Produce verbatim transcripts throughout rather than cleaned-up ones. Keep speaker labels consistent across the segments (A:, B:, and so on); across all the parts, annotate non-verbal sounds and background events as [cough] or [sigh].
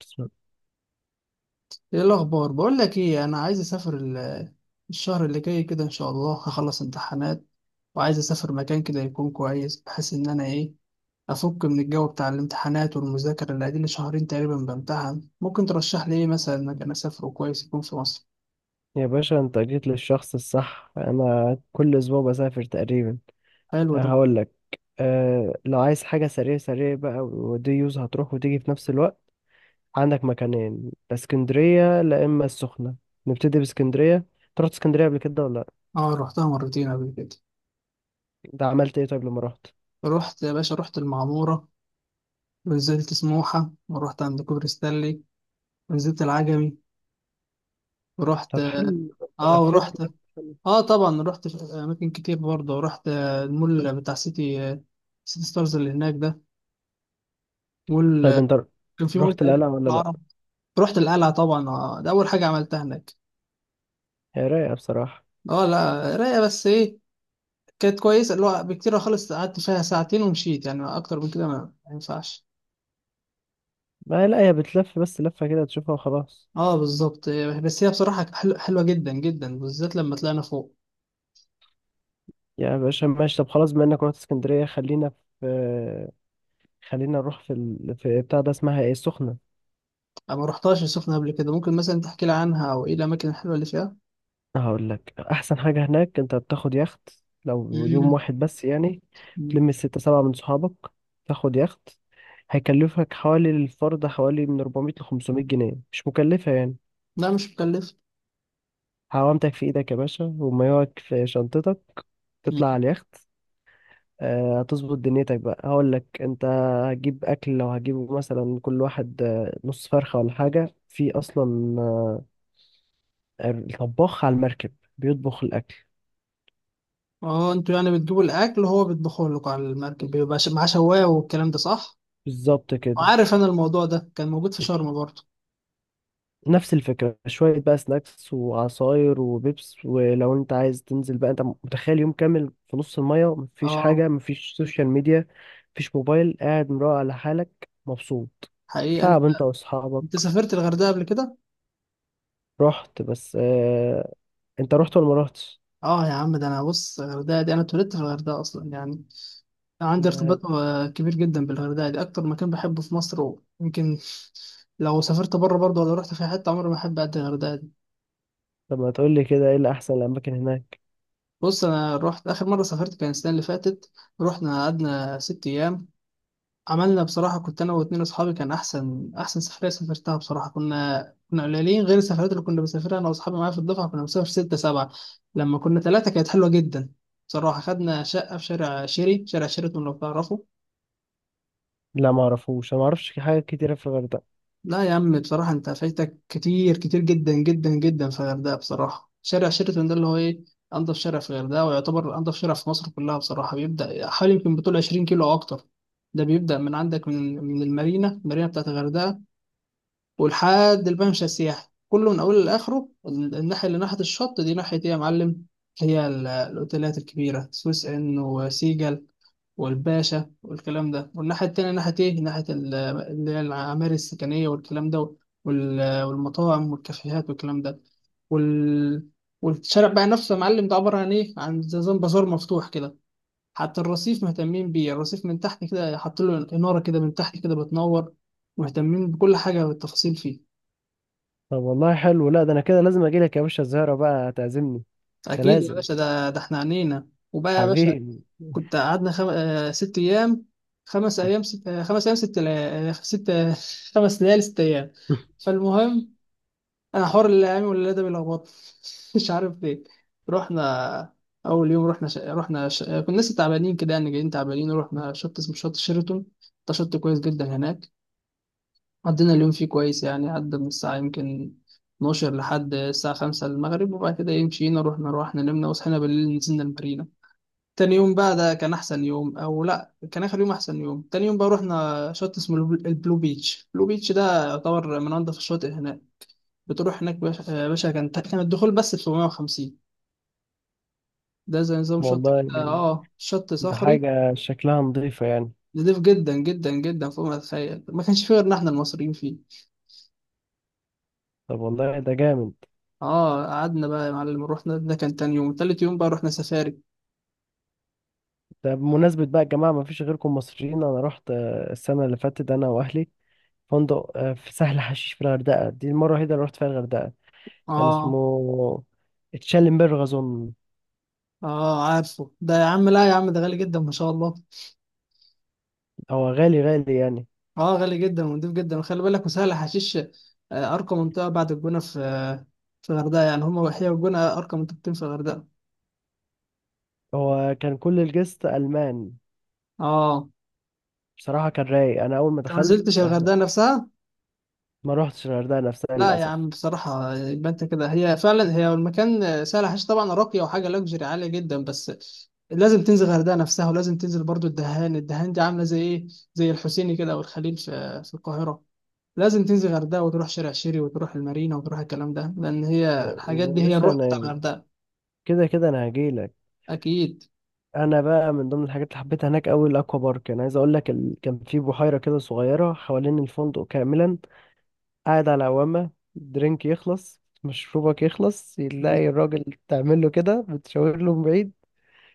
A: بسم الله.
B: ايه الاخبار؟ بقول لك ايه، انا عايز اسافر ال- الشهر اللي جاي كده، ان شاء الله هخلص امتحانات وعايز اسافر مكان كده يكون كويس، بحيث ان انا ايه افك من الجو بتاع الامتحانات والمذاكره اللي قاعدين لي شهرين تقريبا بامتحن. ممكن ترشح لي ايه مثلا مكان اسافره كويس يكون في مصر؟
A: يا باشا، انت جيت للشخص الصح. انا كل اسبوع بسافر تقريبا.
B: حلو ده.
A: هقول لك، أه لو عايز حاجه سريع سريع بقى ودي يوز هتروح وتيجي في نفس الوقت. عندك مكانين، لا اسكندريه لا اما السخنه. نبتدي باسكندريه، انت رحت اسكندريه قبل كده ولا لا؟
B: اه رحتها مرتين قبل كده.
A: ده عملت ايه طيب لما رحت؟
B: رحت يا باشا، رحت المعموره ونزلت سموحه ورحت عند كوبري ستانلي ونزلت العجمي ورحت،
A: طب حلو، انت
B: اه
A: لفيت؟
B: ورحت. اه طبعا رحت في اماكن كتير برضه، رحت آه، المول بتاع سيتي، آه، سيتي ستارز اللي هناك ده. مول،
A: طيب
B: آه،
A: انت
B: كان في مول
A: رحت
B: تقريبا
A: القلعه ولا لا؟
B: العرب. رحت القلعه طبعا، آه، ده اول حاجه عملتها هناك.
A: هي رايقه بصراحه.
B: اه لا رايقه، بس ايه، كانت كويسه اللي هو بكتير خالص. قعدت فيها ساعتين ومشيت، يعني اكتر من كده ما ما ينفعش.
A: ما لا، هي بتلف بس لفه كده تشوفها وخلاص.
B: اه بالظبط، آه، بس هي بصراحه حلو- حلوه جدا جدا، بالذات لما طلعنا فوق.
A: يا باشا ماشي، طب خلاص، بما انك رحت اسكندرية، خلينا في خلينا نروح في ال... في بتاع ده، اسمها ايه، السخنة.
B: أنا ما رحتهاش السخنه قبل كده، ممكن مثلا تحكي لي عنها او ايه الاماكن الحلوه اللي فيها؟
A: هقول لك احسن حاجة هناك، انت بتاخد يخت، لو يوم
B: مم.
A: واحد بس يعني.
B: مم.
A: تلم الستة سبعة من صحابك، تاخد يخت، هيكلفك حوالي الفرد حوالي من اربعمائة ل خمسمائة جنيه، مش مكلفة يعني.
B: لا مش مكلف.
A: هوامتك في ايدك يا باشا، ومايوعك في شنطتك، تطلع على اليخت. آه، هتظبط دنيتك بقى. هقول لك انت هتجيب اكل، لو هتجيبه مثلا كل واحد آه، نص فرخه ولا حاجه في اصلا. آه، الطباخ على المركب بيطبخ الاكل.
B: اه انتوا يعني بتجيبوا الاكل وهو بيطبخه لكم على المركب، بيبقى ش- معاه شوايه والكلام ده، صح؟
A: بالظبط كده.
B: وعارف انا الموضوع ده كان موجود في شرم برضه.
A: نفس الفكره، شويه بقى سناكس وعصاير وبيبس، ولو انت عايز تنزل بقى، انت متخيل يوم كامل في نص الميه، مفيش
B: اه
A: حاجه، مفيش سوشيال ميديا، مفيش موبايل، قاعد مروق على حالك مبسوط،
B: حقيقة انت،
A: تلعب انت
B: انت
A: واصحابك.
B: سافرت الغردقة قبل كده؟
A: رحت بس اه. انت رحت ولا ما رحتش؟
B: اه يا عم، ده انا بص، الغردقة دي انا اتولدت في الغردقة اصلا يعني. عندي
A: ده
B: ارتباط آه، كبير جدا بالغردقة دي، اكتر مكان بحبه في مصر. ويمكن لو سافرت بره برضه ولا رحت في حتة، عمري ما احب قد الغردقة دي.
A: طب ما تقول لي كده، ايه الاحسن الاماكن هناك؟
B: بص، انا رحت اخر مرة سافرت كان السنة اللي فاتت. رحنا قعدنا ست ايام، عملنا بصراحة، كنت أنا واتنين أصحابي، كان أحسن أحسن سفرية سافرتها بصراحة. كنا كنا قليلين، غير السفرات اللي كنا بنسافرها أنا وأصحابي معايا في الدفعة، كنا بنسافر ستة سبعة. لما كنا ثلاثة كانت حلوة جدا بصراحة. خدنا شقة في شارع شيري، شارع شيراتون، لو تعرفه.
A: لا ما اعرفوش، انا ما اعرفش حاجه كتيره في الغردقه.
B: لا يا عم، بصراحة أنت فايتك كتير، كتير جدا جدا جدا في الغردقة. بصراحة شارع شيراتون ده اللي هو إيه، أنضف شارع في الغردقة، ويعتبر أنضف شارع في مصر كلها بصراحة. بيبدأ حوالي يمكن بطول عشرين كيلو أو أكتر. ده بيبدأ من عندك من من المارينا، المارينا بتاعت الغردقة، ولحد الممشى السياحي كله، من اوله لاخره. ال- الناحيه اللي ناحيه الشط دي ناحيه ايه يا معلم، هي ال- الاوتيلات الكبيره، سويس ان وسيجل والباشا والكلام ده. والناحيه التانيه ناحيه ايه، ناحيه ال- اللي هي العماير السكنيه والكلام ده، وال- والمطاعم والكافيهات والكلام ده، وال... والشارع بقى نفسه يا معلم ده عباره عن ايه، عن زي نظام بازار مفتوح كده. حتى الرصيف مهتمين بيه، الرصيف من تحت كده حاطين له اناره كده من تحت كده بتنور. مهتمين بكل حاجه بالتفاصيل فيه.
A: طب والله حلو، لا ده انا كده لازم اجي لك يا باشا الزهره بقى تعزمني، ده
B: اكيد يا
A: لازم.
B: باشا، ده ده احنا عنينا وبقى يا باشا.
A: حبيبي
B: كنت
A: [laughs]
B: قعدنا خم... آه، ست ايام، خمس ايام ست... آه، خمس ايام ست لا... آه، ست، آه، [laughs] خمس ليالي ست ايام. فالمهم، انا حوار الايام والليله ده بيلخبط، [laughs] مش عارف ليه. رحنا اول يوم، رحنا ش... رحنا ش... آه، كنا لسه تعبانين كده يعني، جايين تعبانين، ورحنا شط اسمه شط شيراتون. ده شط كويس جدا هناك. عدينا اليوم فيه كويس، يعني عدى من الساعه يمكن اثنا عشر لحد الساعة خمسة المغرب، وبعد كده إيه، مشينا رحنا روحنا نمنا، وصحينا بالليل نزلنا المارينا. تاني يوم بقى، ده كان احسن يوم، او لا كان اخر يوم احسن يوم، تاني يوم بقى رحنا شط اسمه البل- البلو بيتش. البلو بيتش ده يعتبر من انضف الشواطئ هناك. بتروح هناك باشا يا باشا، كان كان الدخول بس ب سبعمائة وخمسين. ده زي نظام شط
A: والله
B: كده، اه شط
A: ده
B: صخري،
A: حاجه شكلها نظيفه يعني.
B: نضيف جدا جدا جدا فوق ما تتخيل. ما كانش فيه غيرنا احنا المصريين فيه.
A: طب والله ده جامد.
B: اه قعدنا بقى يا معلم، رحنا ده كان تاني يوم، تالت يوم بقى رحنا سفاري.
A: ده بمناسبه بقى الجماعه ما فيش غيركم مصريين، انا رحت آه، السنه اللي فاتت انا واهلي، فندق آه، في سهل حشيش في الغردقه، دي المره الوحيده اللي رحت فيها الغردقه. كان
B: اه،
A: اسمه تشالنبرغ اظن.
B: اه عارفه ده يا عم، لا يا عم ده غالي جدا ما شاء الله.
A: هو غالي غالي يعني.
B: اه غالي جدا ونضيف جدا، وخلي بالك وسهل حشيش، آه، ارقى منطقه بعد الجونه في، آه، في الغردقه يعني، هما وحياه والجونه ارقى منطقتين في الغردقه.
A: هو كان كل الجست ألمان.
B: اه
A: بصراحة كان رايق. أنا أول ما
B: انت ما نزلتش
A: دخلت، إحنا
B: الغردقه نفسها.
A: ما روحتش الغردقة نفسها
B: لا يا عم
A: للأسف.
B: بصراحه، يبقى انت كده، هي فعلا هي المكان، آه، سهل حشيش طبعا راقيه وحاجه لوكسجري عاليه جدا، بس لازم تنزل الغردقه نفسها، ولازم تنزل برضو الدهان. الدهان دي عامله زي ايه، زي الحسيني كده او الخليل في في القاهره. لازم تنزل الغردقه وتروح شارع شيري وتروح المارينا وتروح الكلام ده، لان هي
A: يعني
B: الحاجات دي هي
A: مش
B: الروح بتاع
A: أنا،
B: الغردقه.
A: كده كده أنا هجيلك.
B: اكيد.
A: أنا بقى من ضمن الحاجات اللي حبيتها هناك أوي الأكوا بارك. أنا عايز أقول لك ال... كان في بحيرة كده صغيرة حوالين الفندق كاملا، قاعد على عوامة، درينك يخلص، مشروبك يخلص، يلاقي الراجل تعمل له كده بتشاور له من بعيد.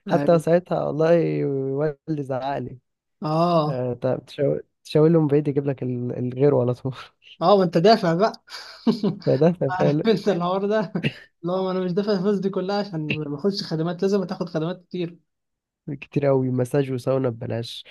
A: حتى
B: ايوه.
A: ساعتها والله والدي زعقلي.
B: اه.
A: أه، تشاور تشاور له من بعيد، يجيب لك ال- الغير على طول.
B: اه ما انت دافع بقى. [laughs]
A: ده
B: عارف
A: فعلا
B: انت الحوار ده اللي هو انا مش دافع الفلوس دي كلها عشان ما اخدش خدمات، لازم تاخد خدمات كتير.
A: كتير قوي، مساج وساونا ببلاش،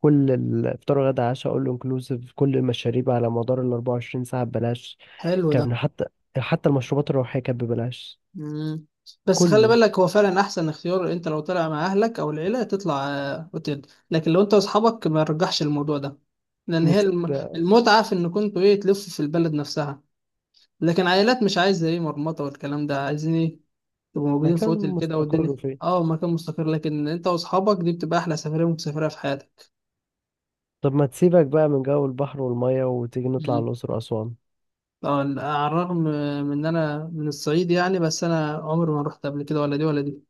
A: كل الافطار وغدا عشاء اول انكلوسيف، كل المشاريب على مدار ال اربعه وعشرين ساعة ببلاش.
B: حلو ده.
A: كان حتى حتى المشروبات الروحية كانت ببلاش.
B: مم. بس خلي
A: كله
B: بالك، هو فعلا احسن اختيار، انت لو طلع مع اهلك او العيله تطلع آه، اوتيل، لكن لو انت واصحابك ما رجحش الموضوع ده، لان هي
A: مست...
B: الم- المتعه في ان كنتوا ايه تلفوا في البلد نفسها. لكن عائلات مش عايزه ايه مرمطه والكلام ده، عايزين ايه تبقوا موجودين في
A: مكان
B: اوتيل كده والدنيا.
A: مستقر فيه.
B: اه مكان مستقر، لكن انت واصحابك دي بتبقى احلى سفريه ممكن تسافرها في حياتك.
A: طب ما تسيبك بقى من جو البحر والمية، وتيجي نطلع على
B: مم.
A: الأقصر وأسوان.
B: طبعا على الرغم من ان انا من الصعيد يعني، بس انا عمري ما رحت قبل كده ولا دي ولا دي.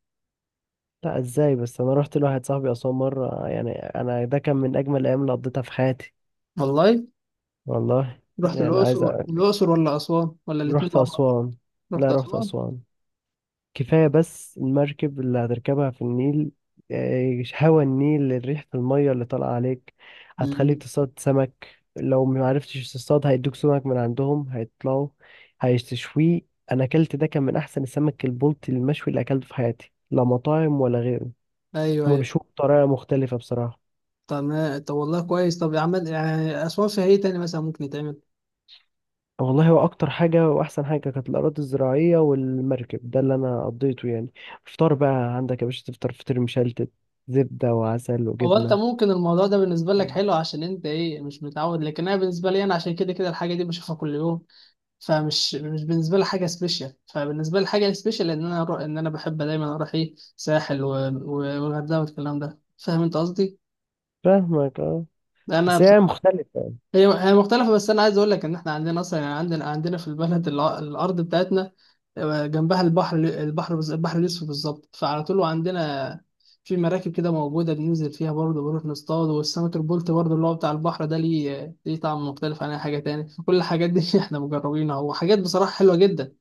A: لا ازاي بس، انا رحت لواحد صاحبي أسوان مرة، يعني انا ده كان من اجمل الايام اللي قضيتها في حياتي.
B: والله.
A: والله.
B: رحت
A: يعني
B: الاقصر؟
A: عايز اقول لك،
B: الاقصر ولا اسوان ولا الاتنين
A: رحت
B: مع بعض؟
A: أسوان،
B: رحت
A: لا رحت
B: اسوان.
A: أسوان كفاية بس المركب اللي هتركبها في النيل، آه، هوا النيل، ريحة المية اللي طالعة عليك،
B: مم.
A: هتخليك تصطاد سمك، لو ما عرفتش تصطاد هيدوك سمك من عندهم، هيطلعوا هيشتشويه. أنا أكلت، ده كان من أحسن السمك البلطي المشوي اللي أكلته في حياتي، لا مطاعم ولا غيره.
B: ايوه
A: هما
B: ايوه.
A: بيشوفوا بطريقة مختلفة بصراحة.
B: تمام طب والله كويس، طب يا عم يعني اسوان فيها ايه تاني مثلا ممكن يتعمل؟
A: والله هو أكتر حاجة وأحسن حاجة كانت الأراضي الزراعية والمركب ده اللي أنا قضيته يعني. فطار بقى عندك يا باشا، تفطر فطير مشلتت، زبدة وعسل
B: هو انت
A: وجبنة.
B: ممكن الموضوع ده بالنسبه لك حلو عشان انت ايه مش متعود، لكن انا بالنسبه لي انا، عشان كده كده الحاجه دي بشوفها كل يوم. فمش مش بالنسبه لي حاجه سبيشال، فبالنسبه لي حاجه سبيشال ان انا اروح، ان انا بحب دايما اروح ايه ساحل و- و- والغردقه والكلام ده، فاهم انت قصدي.
A: فاهمك اه.
B: انا
A: بس هي
B: بصراحه،
A: مختلفة.
B: هي هي مختلفه، بس انا عايز اقول لك ان احنا عندنا اصلا يعني، عندنا عندنا في البلد، الع- الارض بتاعتنا آه، جنبها البحر. البحر بز- البحر الاسود بالظبط، فعلى طول عندنا في مراكب كده موجوده بننزل فيها برضه، بنروح نصطاد، والسمك البلطي برضه اللي هو بتاع البحر ده ليه، ليه طعم مختلف عن اي حاجه تاني، فكل الحاجات دي [laughs] احنا مجربينها، وحاجات بصراحه حلوه جدا.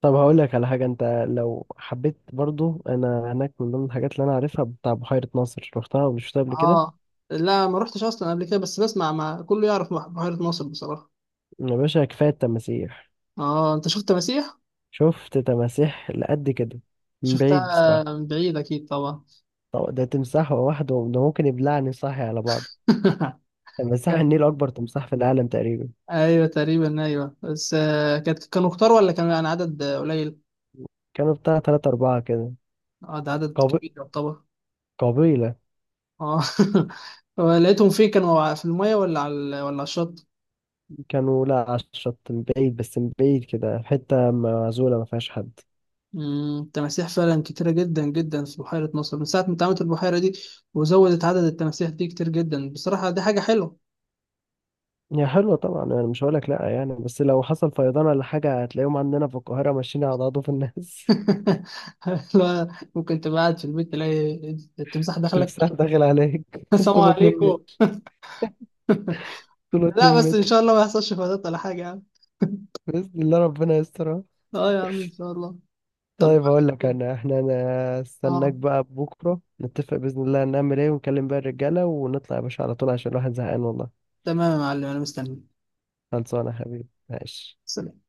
A: طب هقول لك على حاجة، انت لو حبيت برضو، انا هناك من ضمن الحاجات اللي انا عارفها بتاع بحيرة ناصر، رحتها ولا شفتها قبل كده؟
B: اه لا ما رحتش اصلا قبل كده، بس بسمع مع كله يعرف مح- بحيرة ناصر بصراحة.
A: يا باشا كفاية التماسيح.
B: اه انت شفت مسيح.
A: شفت تماسيح لقد كده، من بعيد
B: شفتها
A: بصراحة.
B: من بعيد اكيد طبعا.
A: طب ده تمساح لوحده ده ممكن يبلعني صاحي على بعض.
B: [laughs]
A: تمساح
B: كان،
A: النيل أكبر تمساح في العالم تقريبا.
B: ايوه تقريبا ايوه، بس آه، كانت كانوا كتار ولا كان يعني عدد آه، قليل؟
A: كانوا بتاع تلاتة أربعة كده.
B: اه ده عدد
A: قبي...
B: كبير يعتبر.
A: قبيلة.
B: اه. [laughs] لقيتهم فين، كانوا ع- في المية ولا على ال- ولا على الشط؟
A: كانوا لا على الشط، من بعيد بس، من بعيد كده، حتة معزولة ما فيهاش حد.
B: أمم، التماسيح فعلا كتيرة جدا جدا في بحيرة مصر، من ساعة ما اتعملت البحيرة دي وزودت عدد التماسيح دي كتير جدا، بصراحة دي حاجة حلوة.
A: هي حلوة طبعا، انا مش هقولك لا يعني، بس لو حصل فيضان ولا حاجة هتلاقيهم عندنا في القاهرة ماشيين على عضوف الناس.
B: [laughs] لا، ممكن تبقى قاعد في البيت تلاقي التمساح
A: [laughs]
B: دخلك.
A: تمساح داخل عليك
B: [laughs]
A: [laughs]
B: السلام
A: طوله مترين
B: عليكم.
A: متر. طوله مترين
B: لا بس ان
A: متر.
B: شاء الله ما يحصلش فضات ولا حاجه يعني.
A: بإذن الله ربنا يسترها.
B: اه يا عم ان شاء الله. طب
A: طيب
B: بقول لك
A: هقول لك،
B: إيه؟
A: انا احنا انا استناك
B: اه
A: بقى، بكرة نتفق بإذن الله هنعمل ايه، ونكلم بقى الرجالة ونطلع يا باشا على طول، عشان الواحد زهقان والله.
B: تمام يا معلم انا مستني.
A: خلصانة يا حبيبي ماشي.
B: سلام.